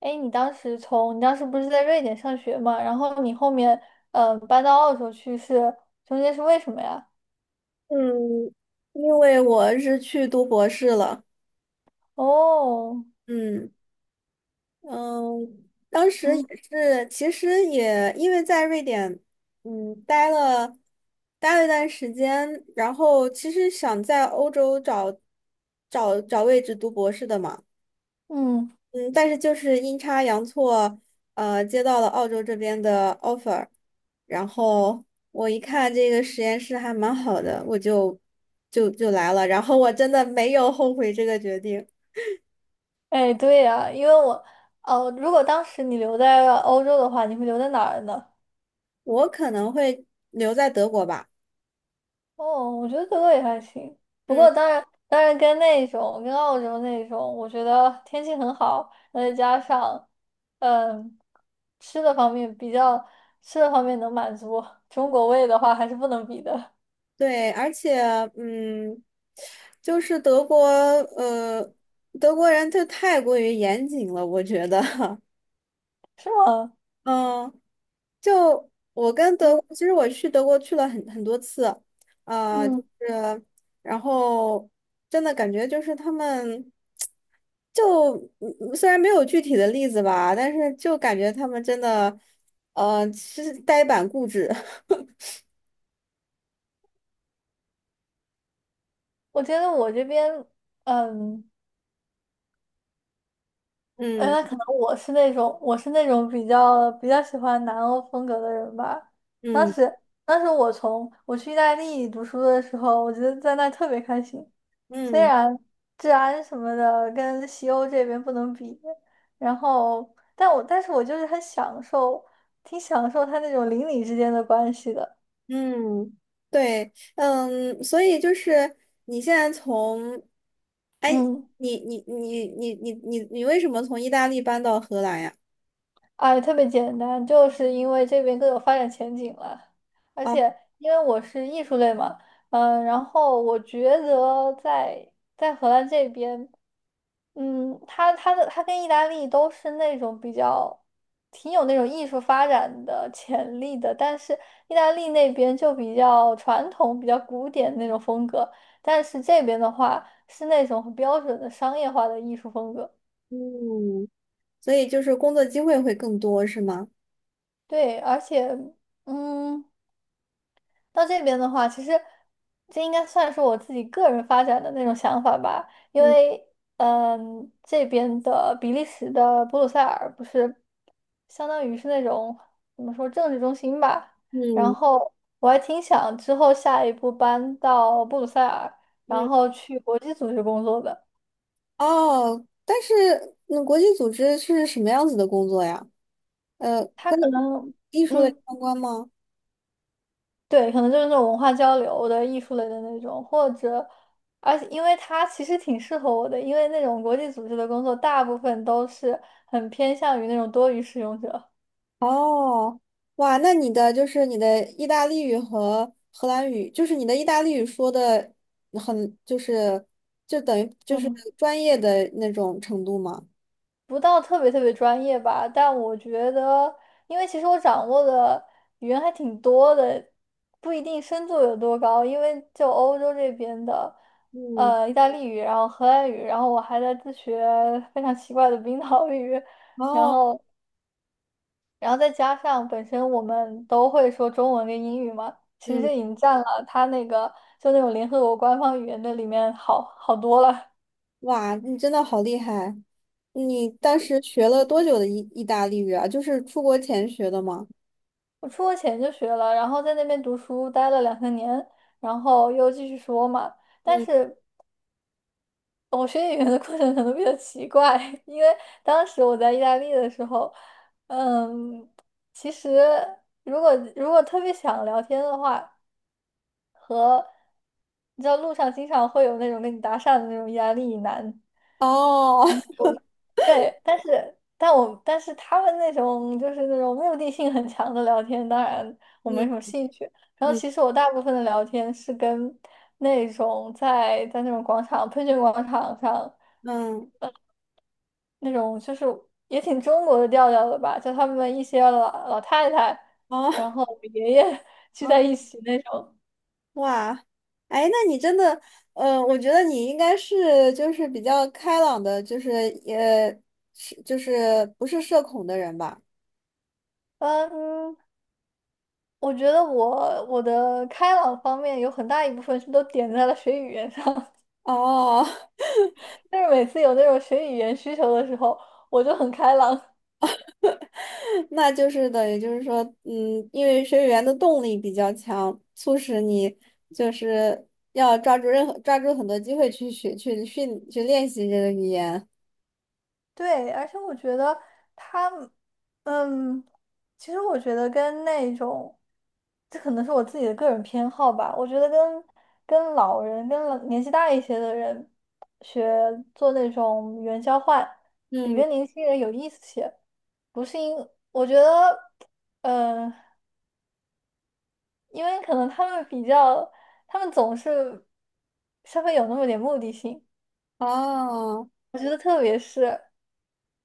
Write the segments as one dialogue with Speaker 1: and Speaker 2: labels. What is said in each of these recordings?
Speaker 1: 哎，你当时不是在瑞典上学嘛？然后你后面搬到澳洲去，中间是为什么呀？
Speaker 2: 嗯，因为我是去读博士了。
Speaker 1: 哦，
Speaker 2: 嗯嗯，当时也
Speaker 1: 嗯
Speaker 2: 是，其实也因为在瑞典，嗯，待了一段时间，然后其实想在欧洲找找位置读博士的嘛。
Speaker 1: 嗯，
Speaker 2: 嗯，但是就是阴差阳错，接到了澳洲这边的 offer,然后我一看这个实验室还蛮好的，我就来了，然后我真的没有后悔这个决定，
Speaker 1: 哎，对呀，因为我哦，如果当时你留在欧洲的话，你会留在哪儿呢？
Speaker 2: 我可能会留在德国吧。
Speaker 1: 哦，我觉得德国也还行，不
Speaker 2: 嗯。
Speaker 1: 过当然跟那种跟澳洲那种，我觉得天气很好，然后再加上嗯吃的方面比较吃的方面能满足中国胃的话，还是不能比的。
Speaker 2: 对，而且嗯，就是德国，德国人就太过于严谨了，我觉得，
Speaker 1: 是吗？
Speaker 2: 嗯。就我跟德
Speaker 1: 嗯
Speaker 2: 国，其实我去德国去了很多次，
Speaker 1: 嗯，
Speaker 2: 就是然后真的感觉就是他们就嗯虽然没有具体的例子吧，但是就感觉他们真的其实呆板固执，
Speaker 1: 我觉得我这边，嗯，
Speaker 2: 嗯
Speaker 1: 那可能我是那种比较喜欢南欧风格的人吧。当
Speaker 2: 嗯
Speaker 1: 时当时我去意大利读书的时候，我觉得在那特别开心，虽
Speaker 2: 嗯
Speaker 1: 然治安什么的跟西欧这边不能比，然后但是我就是很享受，挺享受他那种邻里之间的关系的。
Speaker 2: 嗯，对，嗯，所以就是你现在从，哎，
Speaker 1: 嗯。
Speaker 2: 你为什么从意大利搬到荷兰呀？
Speaker 1: 哎，特别简单，就是因为这边更有发展前景了，而
Speaker 2: 啊，
Speaker 1: 且因为我是艺术类嘛，然后我觉得在荷兰这边，它跟意大利都是那种比较挺有那种艺术发展的潜力的，但是意大利那边就比较传统、比较古典那种风格，但是这边的话是那种很标准的商业化的艺术风格，
Speaker 2: 嗯所以就是工作机会会更多，是吗？
Speaker 1: 对，而且。嗯，到这边的话，其实这应该算是我自己个人发展的那种想法吧，因
Speaker 2: 嗯
Speaker 1: 为这边的比利时的布鲁塞尔不是相当于是那种怎么说政治中心吧，然
Speaker 2: 嗯
Speaker 1: 后我还挺想之后下一步搬到布鲁塞尔，然
Speaker 2: 嗯。
Speaker 1: 后去国际组织工作的。
Speaker 2: 哦，但是那国际组织是什么样子的工作呀？呃，
Speaker 1: 他
Speaker 2: 跟
Speaker 1: 可能
Speaker 2: 艺术类
Speaker 1: 嗯。
Speaker 2: 相关吗？
Speaker 1: 对，可能就是那种文化交流的艺术类的那种，或者，而且因为它其实挺适合我的，因为那种国际组织的工作大部分都是很偏向于那种多语使用者，
Speaker 2: 哦，哇，那你的就是你的意大利语和荷兰语，就是你的意大利语说的很，就是就等于就是
Speaker 1: 嗯
Speaker 2: 专业的那种程度吗？
Speaker 1: 不到特别特别专业吧。但我觉得，因为其实我掌握的语言还挺多的，不一定深度有多高，因为就欧洲这边的，
Speaker 2: 嗯，
Speaker 1: 意大利语，然后荷兰语，然后我还在自学非常奇怪的冰岛语，然
Speaker 2: 哦，
Speaker 1: 后。然后再加上本身我们都会说中文跟英语嘛，其实
Speaker 2: 嗯。
Speaker 1: 这已经占了他那个就那种联合国官方语言的里面好好多了。
Speaker 2: 哇，你真的好厉害！你当时学了多久的意大利语啊？就是出国前学的吗？
Speaker 1: 我出国前就学了，然后在那边读书待了两三年，然后又继续说嘛。但
Speaker 2: 嗯，
Speaker 1: 是我学语言的过程可能比较奇怪，因为当时我在意大利的时候，其实如果特别想聊天的话，和你知道路上经常会有那种跟你搭讪的那种意大利男。
Speaker 2: 哦，
Speaker 1: 对，但是他们那种就是那种目的性很强的聊天，当然 我没
Speaker 2: 嗯
Speaker 1: 什么兴趣。然后
Speaker 2: 嗯
Speaker 1: 其实我大部分的聊天是跟那种在那种喷泉广场上
Speaker 2: 嗯，
Speaker 1: 那种就是也挺中国的调调的吧，就他们一些老太太，
Speaker 2: 哦
Speaker 1: 然后爷爷 聚在
Speaker 2: 哦，
Speaker 1: 一起那种。
Speaker 2: 哇，哎，那你真的，呃，我觉得你应该是就是比较开朗的，就是也是就是不是社恐的人吧？
Speaker 1: 嗯，我觉得我的开朗方面有很大一部分是都点在了学语言上。
Speaker 2: 哦，
Speaker 1: 但是每次有那种学语言需求的时候，我就很开朗。
Speaker 2: 那就是等于就是说，嗯，因为学语言的动力比较强，促使你就是要抓住任何抓住很多机会去学去训去练习这个语言。
Speaker 1: 对，而且我觉得他，嗯，其实我觉得跟那种，这可能是我自己的个人偏好吧。我觉得跟老人、跟老年纪大一些的人学做那种语言交换，比
Speaker 2: 嗯，
Speaker 1: 跟年轻人有意思些。不是因，我觉得，嗯、呃因为可能他们比较，他们总是稍微有那么点目的性。
Speaker 2: 哦，
Speaker 1: 我觉得特别是，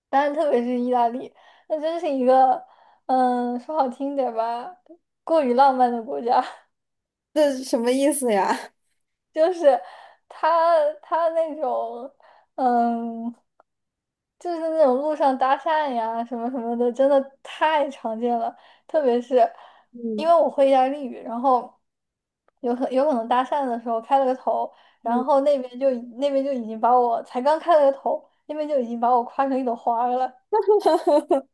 Speaker 1: 当然特别是意大利，那真是一个，说好听点吧，过于浪漫的国家。
Speaker 2: 这是什么意思呀？
Speaker 1: 就是他他那种，嗯，就是那种路上搭讪呀什么什么的，真的太常见了。特别是因
Speaker 2: 嗯
Speaker 1: 为我会意大利语，然后有可能搭讪的时候开了个头，然
Speaker 2: 嗯，
Speaker 1: 后那边就已经把我才刚开了个头，那边就已经把我夸成一朵花儿了。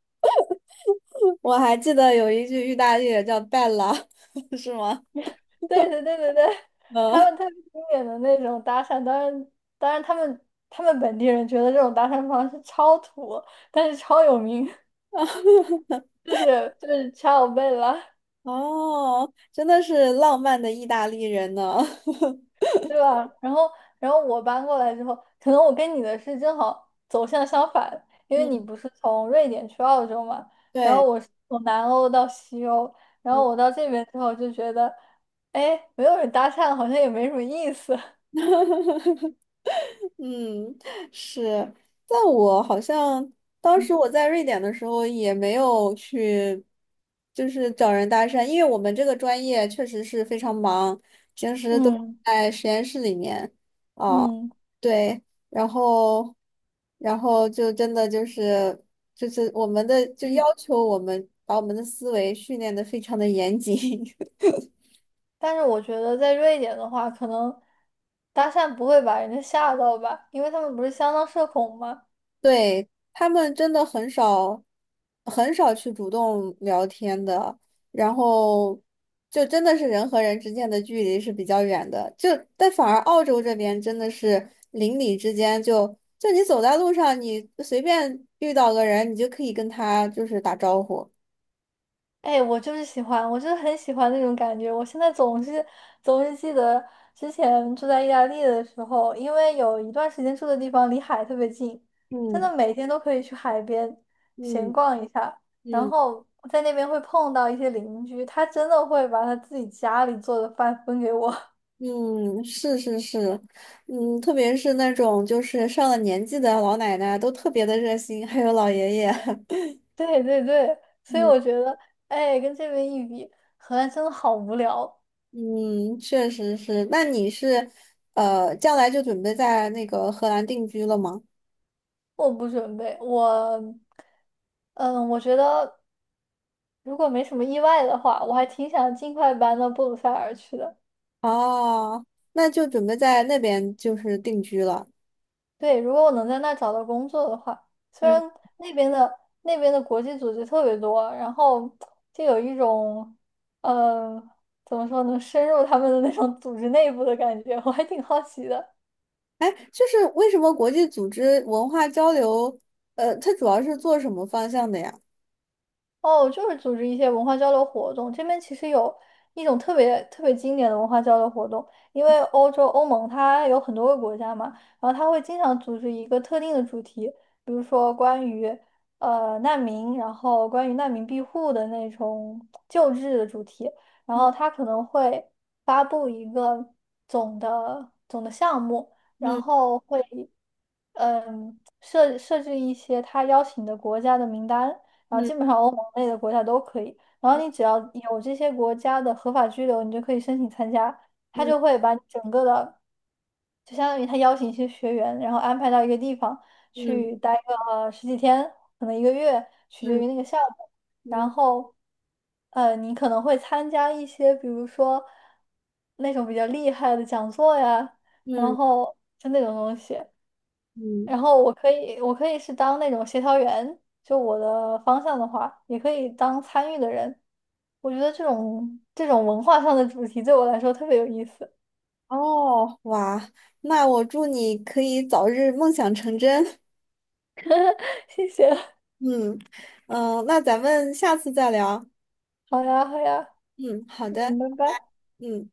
Speaker 2: 我还记得有一句意大利也叫 bella,是吗？
Speaker 1: 对对对对对，他
Speaker 2: 嗯，
Speaker 1: 们特别经典的那种搭讪，当然他们本地人觉得这种搭讪方式超土，但是超有名，就是掐我背了，
Speaker 2: 哦，真的是浪漫的意大利人呢。
Speaker 1: 对吧？然后我搬过来之后，可能我跟你的是正好走向相反，因为
Speaker 2: 嗯，
Speaker 1: 你不是从瑞典去澳洲嘛，然后
Speaker 2: 对。
Speaker 1: 我是从南欧到西欧，然
Speaker 2: 嗯
Speaker 1: 后我到这边之后就觉得，哎，没有人搭讪好像也没什么意思，
Speaker 2: 嗯，是，但我好像当时我 在瑞典的时候也没有去，就是找人搭讪，因为我们这个专业确实是非常忙，平时都
Speaker 1: 嗯
Speaker 2: 在实验室里面，啊，
Speaker 1: 嗯。
Speaker 2: 对，然后，然后就真的就是我们的就要求我们把我们的思维训练的非常的严谨，
Speaker 1: 但是我觉得在瑞典的话，可能搭讪不会把人家吓到吧，因为他们不是相当社恐吗？
Speaker 2: 对，他们真的很少，很少去主动聊天的，然后就真的是人和人之间的距离是比较远的，就但反而澳洲这边真的是邻里之间就你走在路上，你随便遇到个人，你就可以跟他就是打招呼。
Speaker 1: 哎，我就是喜欢，我就是很喜欢那种感觉。我现在总是记得之前住在意大利的时候，因为有一段时间住的地方离海特别近，真
Speaker 2: 嗯
Speaker 1: 的每天都可以去海边闲
Speaker 2: 嗯
Speaker 1: 逛一下，然
Speaker 2: 嗯
Speaker 1: 后在那边会碰到一些邻居，他真的会把他自己家里做的饭分给我。
Speaker 2: 嗯，是是是，嗯，特别是那种就是上了年纪的老奶奶都特别的热心，还有老爷爷。
Speaker 1: 对对对，所以
Speaker 2: 嗯
Speaker 1: 我觉得，哎，跟这边一比，荷兰真的好无聊。
Speaker 2: 嗯，确实是。那你是，呃，将来就准备在那个荷兰定居了吗？
Speaker 1: 我不准备，我，嗯，我觉得如果没什么意外的话，我还挺想尽快搬到布鲁塞尔去的。
Speaker 2: 哦，那就准备在那边就是定居了。
Speaker 1: 对，如果我能在那儿找到工作的话，虽
Speaker 2: 嗯，
Speaker 1: 然那边的国际组织特别多，然后就有一种，嗯，怎么说呢，深入他们的那种组织内部的感觉，我还挺好奇的。
Speaker 2: 哎，就是为什么国际组织文化交流，呃，它主要是做什么方向的呀？
Speaker 1: 哦，就是组织一些文化交流活动。这边其实有一种特别特别经典的文化交流活动，因为欧洲欧盟它有很多个国家嘛，然后它会经常组织一个特定的主题，比如说关于难民，然后关于难民庇护的那种救治的主题，然
Speaker 2: 嗯
Speaker 1: 后他可能会发布一个总的项目，然
Speaker 2: 嗯
Speaker 1: 后会设置一些他邀请的国家的名单。然后基
Speaker 2: 嗯
Speaker 1: 本上欧盟内的国家都可以。然后你只要有这些国家的合法居留，你就可以申请参加。他就会把你整个的，就相当于他邀请一些学员，然后安排到一个地方
Speaker 2: 嗯
Speaker 1: 去待个10几天，可能1个月，取决
Speaker 2: 嗯
Speaker 1: 于那个项目。
Speaker 2: 嗯
Speaker 1: 然
Speaker 2: 嗯
Speaker 1: 后，你可能会参加一些，比如说那种比较厉害的讲座呀，然
Speaker 2: 嗯
Speaker 1: 后就那种东西。
Speaker 2: 嗯。
Speaker 1: 然后我可以，我可以是当那种协调员，就我的方向的话，也可以当参与的人。我觉得这种文化上的主题对我来说特别有意思。
Speaker 2: 哦，哇，那我祝你可以早日梦想成真。
Speaker 1: 谢谢。
Speaker 2: 嗯嗯，呃那咱们下次再聊。
Speaker 1: 好呀，好呀，
Speaker 2: 嗯，好的。
Speaker 1: 嗯，拜拜。
Speaker 2: 嗯，